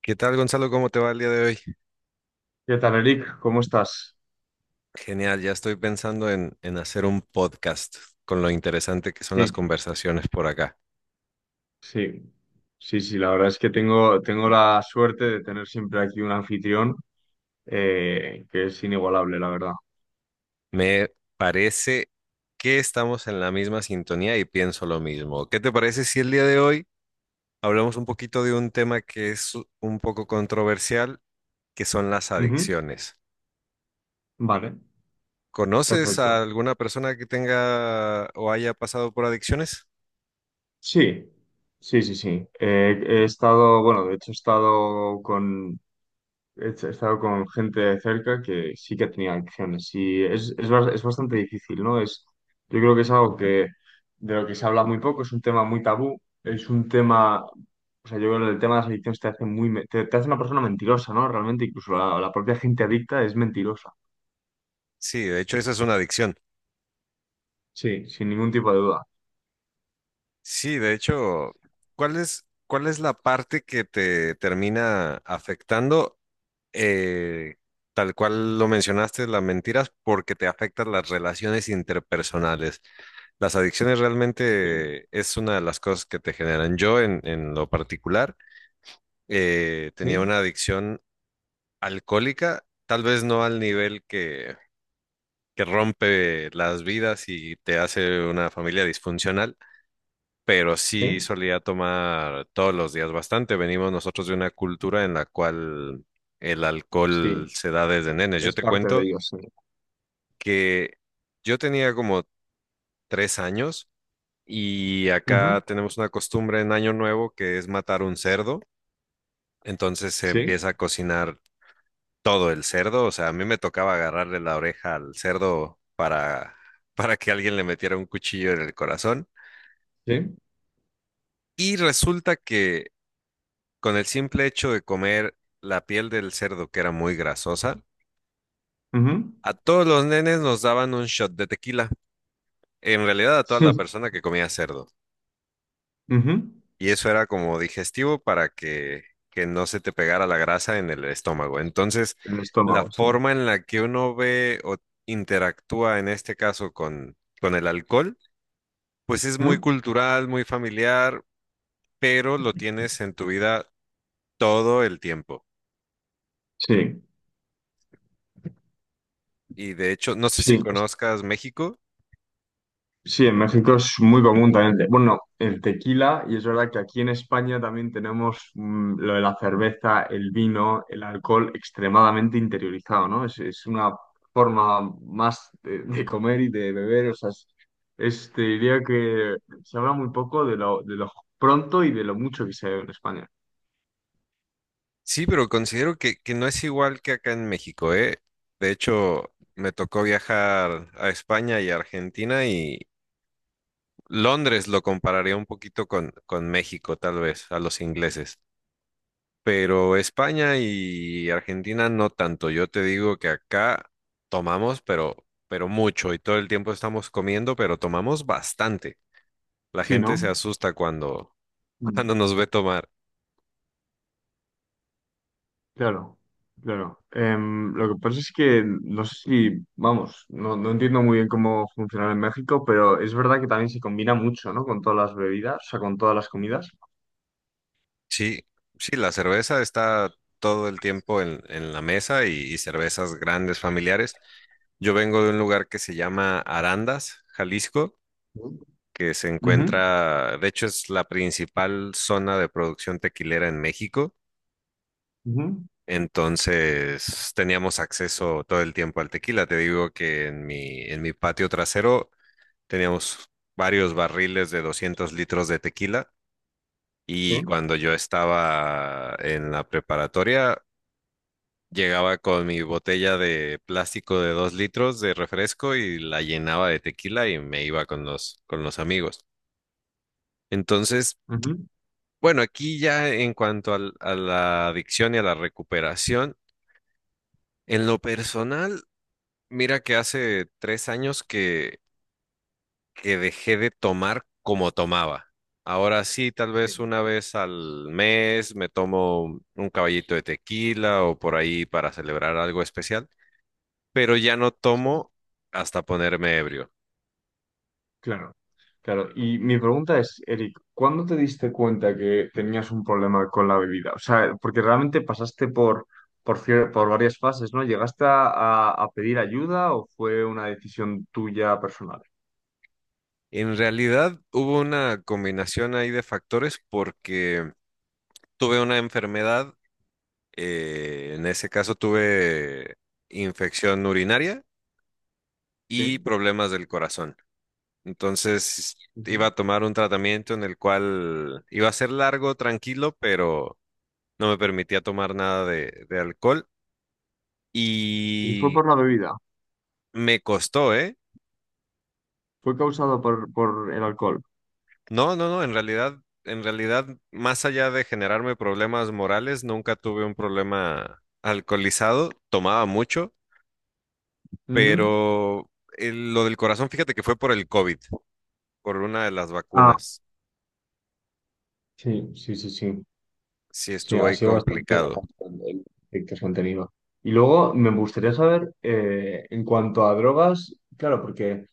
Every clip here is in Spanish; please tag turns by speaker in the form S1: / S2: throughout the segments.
S1: ¿Qué tal, Gonzalo? ¿Cómo te va el día de hoy?
S2: ¿Qué tal, Eric? ¿Cómo estás?
S1: Genial, ya estoy pensando en hacer un podcast con lo interesante que son
S2: Sí,
S1: las conversaciones por acá.
S2: sí, sí, sí, la verdad es que tengo la suerte de tener siempre aquí un anfitrión que es inigualable, la verdad.
S1: Me parece que estamos en la misma sintonía y pienso lo mismo. ¿Qué te parece si el día de hoy hablamos un poquito de un tema que es un poco controversial, que son las
S2: Ujú.
S1: adicciones?
S2: Vale,
S1: ¿Conoces a
S2: perfecto.
S1: alguna persona que tenga o haya pasado por adicciones?
S2: Sí, sí, sí, sí. He estado, bueno, de hecho he estado con. He estado con gente de cerca que sí que tenía adicciones y es bastante difícil, ¿no? Yo creo que es algo que de lo que se habla muy poco, es un tema muy tabú, es un tema. Yo creo que el tema de las adicciones te hace te hace una persona mentirosa, ¿no? Realmente, incluso la propia gente adicta es mentirosa.
S1: Sí, de hecho, esa es una adicción.
S2: Sí, sin ningún tipo de duda.
S1: Sí, de hecho, ¿cuál es la parte que te termina afectando? Eh, Tal cual lo mencionaste, las mentiras, porque te afectan las relaciones interpersonales. Las adicciones
S2: Sí,
S1: realmente es una de las cosas que te generan. Yo, en lo particular, tenía
S2: sí,
S1: una adicción alcohólica, tal vez no al nivel que rompe las vidas y te hace una familia disfuncional, pero sí
S2: sí,
S1: solía tomar todos los días bastante. Venimos nosotros de una cultura en la cual el
S2: sí,
S1: alcohol se da desde nenes. Yo
S2: es
S1: te
S2: parte de
S1: cuento
S2: ello, sí.
S1: que yo tenía como 3 años y acá
S2: Ujú.
S1: tenemos una costumbre en Año Nuevo que es matar un cerdo. Entonces se
S2: Sí,
S1: empieza a cocinar todo el cerdo. O sea, a mí me tocaba agarrarle la oreja al cerdo para que alguien le metiera un cuchillo en el corazón.
S2: sí,
S1: Y resulta que con el simple hecho de comer la piel del cerdo, que era muy grasosa,
S2: ujú.
S1: a todos los nenes nos daban un shot de tequila. En realidad, a toda la
S2: Sí,
S1: persona que comía cerdo.
S2: ujú.
S1: Y eso era como digestivo para que no se te pegara la grasa en el estómago. Entonces,
S2: El
S1: la
S2: estómago, sí.
S1: forma en la que uno ve o interactúa en este caso con el alcohol, pues es muy
S2: Ujú.
S1: cultural, muy familiar, pero lo tienes en tu vida todo el tiempo.
S2: Sí,
S1: Y de hecho, no sé si
S2: sí.
S1: conozcas México.
S2: Sí, en México es muy común también. Bueno, el tequila, y es verdad que aquí en España también tenemos lo de la cerveza, el vino, el alcohol extremadamente interiorizado, ¿no? Es una forma más de comer y de beber, o sea, te diría que se habla muy poco de lo pronto y de lo mucho que se bebe en España.
S1: Sí, pero considero que no es igual que acá en México, ¿eh? De hecho, me tocó viajar a España y a Argentina y Londres lo compararía un poquito con México, tal vez, a los ingleses. Pero España y Argentina no tanto. Yo te digo que acá tomamos, pero mucho y todo el tiempo estamos comiendo, pero tomamos bastante. La
S2: Sí,
S1: gente se
S2: ¿no?
S1: asusta cuando, cuando
S2: Mm.
S1: nos ve tomar.
S2: Claro, claro. Lo que pasa es que no sé si, vamos, no, no entiendo muy bien cómo funciona en México, pero es verdad que también se combina mucho, ¿no? Con todas las bebidas, o sea, con todas las comidas.
S1: Sí, sí, la cerveza está todo el tiempo en la mesa y cervezas grandes familiares. Yo vengo de un lugar que se llama Arandas, Jalisco,
S2: Ujú,
S1: que se encuentra, de hecho es la principal zona de producción tequilera en México.
S2: ujú,
S1: Entonces teníamos acceso todo el tiempo al tequila. Te digo que en mi patio trasero teníamos varios barriles de 200 litros de tequila. Y
S2: sí,
S1: cuando yo estaba en la preparatoria, llegaba con mi botella de plástico de 2 litros de refresco y la llenaba de tequila y me iba con los amigos. Entonces,
S2: ujú,
S1: bueno, aquí ya en cuanto al- a la adicción y a la recuperación, en lo personal, mira que hace 3 años que dejé de tomar como tomaba. Ahora sí, tal
S2: sí,
S1: vez una vez al mes me tomo un caballito de tequila o por ahí para celebrar algo especial, pero ya no
S2: sí.
S1: tomo hasta ponerme ebrio.
S2: Claro, claro. Y mi pregunta es, Eric, ¿cuándo te diste cuenta que tenías un problema con la bebida? O sea, porque realmente pasaste por varias fases, ¿no? ¿Llegaste a pedir ayuda o fue una decisión tuya personal?
S1: En realidad hubo una combinación ahí de factores porque tuve una enfermedad, en ese caso tuve infección urinaria y
S2: Sí.
S1: problemas del corazón. Entonces
S2: Ujú.
S1: iba a tomar un tratamiento en el cual iba a ser largo, tranquilo, pero no me permitía tomar nada de alcohol
S2: Y fue
S1: y
S2: por la bebida,
S1: me costó, ¿eh?
S2: fue causado por el alcohol.
S1: No, en realidad, más allá de generarme problemas morales, nunca tuve un problema alcoholizado, tomaba mucho,
S2: Ujú.
S1: pero el- lo del corazón, fíjate que fue por el COVID, por una de las
S2: Ah,
S1: vacunas,
S2: sí, sí, sí, sí.
S1: sí
S2: Sí,
S1: estuvo
S2: ha
S1: ahí
S2: sido bastante
S1: complicado.
S2: nefasto el efecto que han tenido. Y luego me gustaría saber, en cuanto a drogas, claro, porque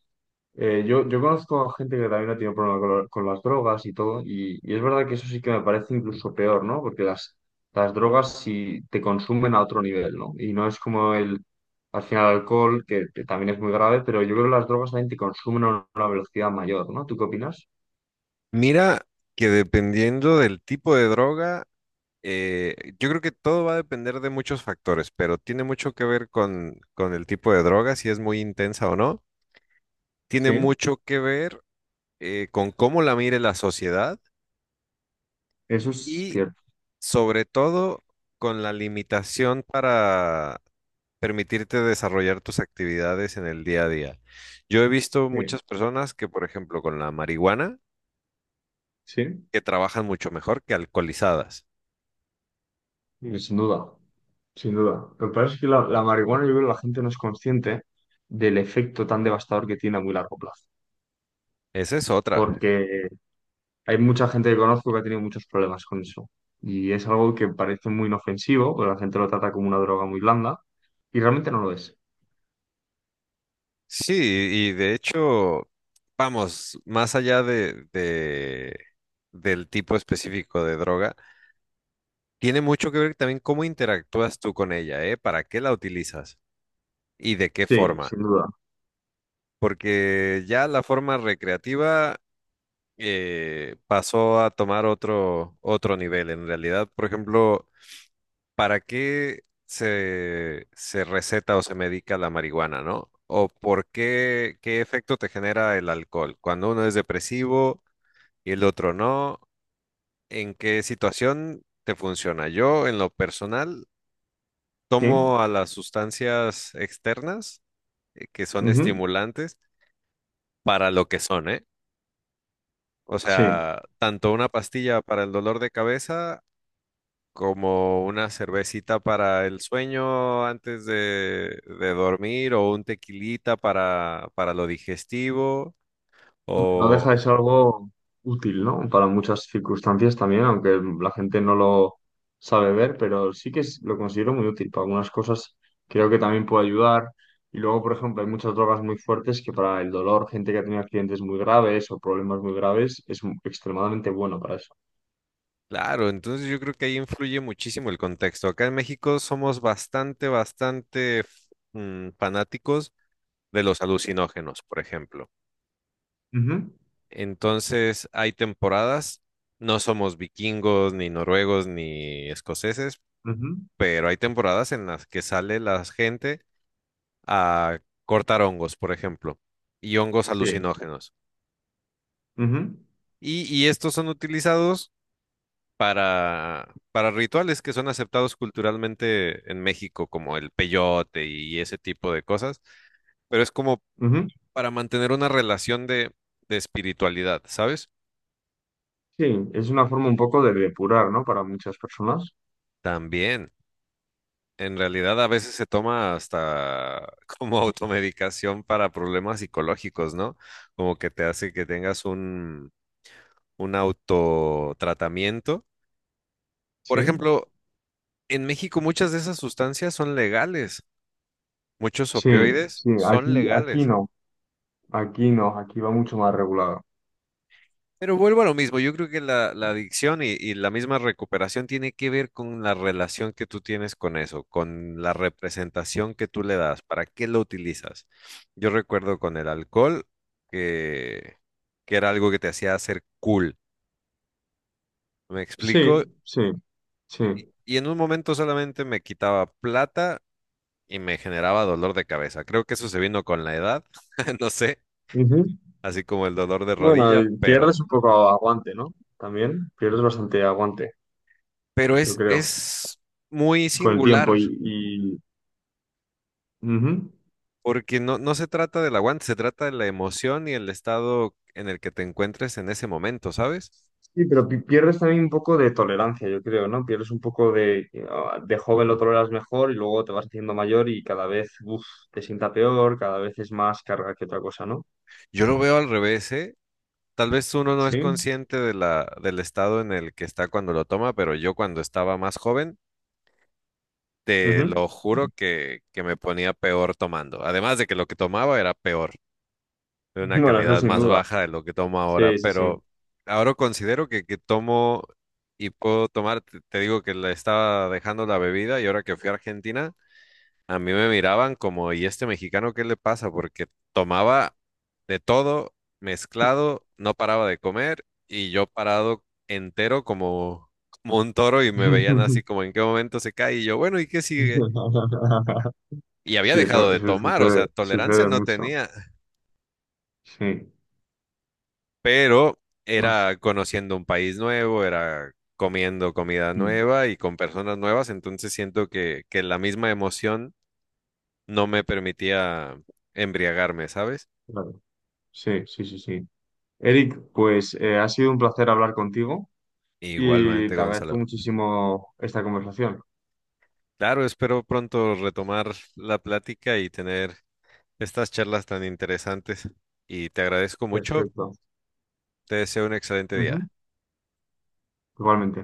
S2: Yo conozco a gente que también ha tenido problemas con las drogas y todo, y es verdad que eso sí que me parece incluso peor, ¿no? Porque las drogas sí te consumen a otro nivel, ¿no? Y no es como al final, el alcohol, que también es muy grave, pero yo creo que las drogas también te consumen a una velocidad mayor, ¿no? ¿Tú qué opinas?
S1: Mira que dependiendo del tipo de droga, yo creo que todo va a depender de muchos factores, pero tiene mucho que ver con el tipo de droga, si es muy intensa o no, tiene
S2: Sí.
S1: mucho que ver con cómo la mire la sociedad
S2: Eso es
S1: y
S2: cierto.
S1: sobre todo con la limitación para permitirte desarrollar tus actividades en el día a día. Yo he visto
S2: Sí,
S1: muchas personas que, por ejemplo, con la marihuana,
S2: sí.
S1: que trabajan mucho mejor que alcoholizadas.
S2: Mm, sin duda, sin duda. Lo que pasa es que la marihuana, yo creo que la gente no es consciente del efecto tan devastador que tiene a muy largo plazo.
S1: Esa es otra.
S2: Porque hay mucha gente que conozco que ha tenido muchos problemas con eso. Y es algo que parece muy inofensivo, pero la gente lo trata como una droga muy blanda y realmente no lo es.
S1: Sí, y de hecho, vamos, más allá de- del tipo específico de droga, tiene mucho que ver también cómo interactúas tú con ella, ¿eh? ¿Para qué la utilizas? ¿Y de qué
S2: Sí,
S1: forma?
S2: sin duda.
S1: Porque ya la forma recreativa pasó a tomar otro nivel. En realidad, por ejemplo, ¿para qué se receta o se medica la marihuana, no? ¿O por qué, qué efecto te genera el alcohol? Cuando uno es depresivo y el otro no, ¿en qué situación te funciona? Yo, en lo personal,
S2: Sí.
S1: tomo a las sustancias externas, que son
S2: Ujú.
S1: estimulantes, para lo que son, ¿eh? O
S2: Sí.
S1: sea, tanto una pastilla para el dolor de cabeza como una cervecita para el sueño antes de dormir o un tequilita para lo digestivo.
S2: No
S1: O,
S2: deja de ser algo útil, ¿no? Para muchas circunstancias también, aunque la gente no lo sabe ver, pero lo considero muy útil. Para algunas cosas creo que también puede ayudar. Y luego, por ejemplo, hay muchas drogas muy fuertes que para el dolor, gente que ha tenido accidentes muy graves o problemas muy graves, es extremadamente bueno para eso.
S1: claro, entonces yo creo que ahí influye muchísimo el contexto. Acá en México somos bastante, bastante fanáticos de los alucinógenos, por ejemplo.
S2: Ujú,
S1: Entonces, hay temporadas, no somos vikingos, ni noruegos, ni escoceses,
S2: ujú.
S1: pero hay temporadas en las que sale la gente a cortar hongos, por ejemplo, y hongos
S2: Sí,
S1: alucinógenos.
S2: ujú,
S1: Y estos son utilizados para rituales que son aceptados culturalmente en México, como el peyote y ese tipo de cosas, pero es como
S2: ujú.
S1: para mantener una relación de espiritualidad, ¿sabes?
S2: Sí, es una forma un poco de depurar, ¿no? Para muchas personas.
S1: También. En realidad a veces se toma hasta como automedicación para problemas psicológicos, ¿no? Como que te hace que tengas un autotratamiento. Por
S2: Sí,
S1: ejemplo, en México muchas de esas sustancias son legales, muchos
S2: sí,
S1: opioides
S2: sí,
S1: son
S2: aquí, aquí
S1: legales.
S2: no, aquí no, aquí va mucho más regulado.
S1: Pero vuelvo a lo mismo, yo creo que la adicción y la misma recuperación tiene que ver con la relación que tú tienes con eso, con la representación que tú le das, para qué lo utilizas. Yo recuerdo con el alcohol que, que era algo que te hacía hacer cool, me
S2: Sí,
S1: explico,
S2: sí, sí.
S1: y en un momento solamente me quitaba plata y me generaba dolor de cabeza. Creo que eso se vino con la edad, no sé,
S2: Ujú.
S1: así como el dolor de
S2: Bueno,
S1: rodilla,
S2: y pierdes un poco aguante, ¿no? También pierdes bastante aguante,
S1: pero
S2: yo creo,
S1: es muy
S2: con el tiempo
S1: singular.
S2: y ujú.
S1: Porque no se trata del aguante, se trata de la emoción y el estado en el que te encuentres en ese momento, ¿sabes?
S2: Sí, pero pierdes también un poco de tolerancia, yo creo, ¿no? Pierdes un poco de, ah, de joven lo toleras mejor y luego te vas haciendo mayor y cada vez, uf, te sienta peor, cada vez es más carga que otra cosa, ¿no?
S1: Yo lo veo al revés, ¿eh? Tal vez uno no es
S2: Sí.
S1: consciente de del estado en el que está cuando lo toma, pero yo cuando estaba más joven, te
S2: Ujú.
S1: lo juro que me ponía peor tomando. Además de que lo que tomaba era peor, de una
S2: Bueno, eso
S1: calidad
S2: sin
S1: más
S2: duda.
S1: baja de lo que tomo ahora,
S2: Sí, sí, sí.
S1: pero ahora considero que tomo y puedo tomar, te digo que le estaba dejando la bebida y ahora que fui a Argentina. A mí me miraban como, ¿y este mexicano qué le pasa? Porque tomaba de todo, mezclado, no paraba de comer y yo parado entero como, como un toro y me veían así como en qué momento se cae y yo, bueno, ¿y qué sigue? Y había
S2: Sí,
S1: dejado
S2: eso,
S1: de
S2: eso
S1: tomar, o sea,
S2: sucede,
S1: tolerancia
S2: sucede
S1: no
S2: mucho.
S1: tenía,
S2: Sí.
S1: pero
S2: Pues,
S1: era conociendo un país nuevo, era comiendo comida
S2: sí,
S1: nueva y con personas nuevas, entonces siento que la misma emoción no me permitía embriagarme, ¿sabes?
S2: claro. Sí, sí, sí, sí. Eric, pues ha sido un placer hablar contigo y
S1: Igualmente,
S2: te agradezco
S1: Gonzalo.
S2: muchísimo esta conversación.
S1: Claro, espero pronto retomar la plática y tener estas charlas tan interesantes. Y te agradezco mucho.
S2: Perfecto.
S1: Te deseo un excelente
S2: Ujú.
S1: día.
S2: Igualmente.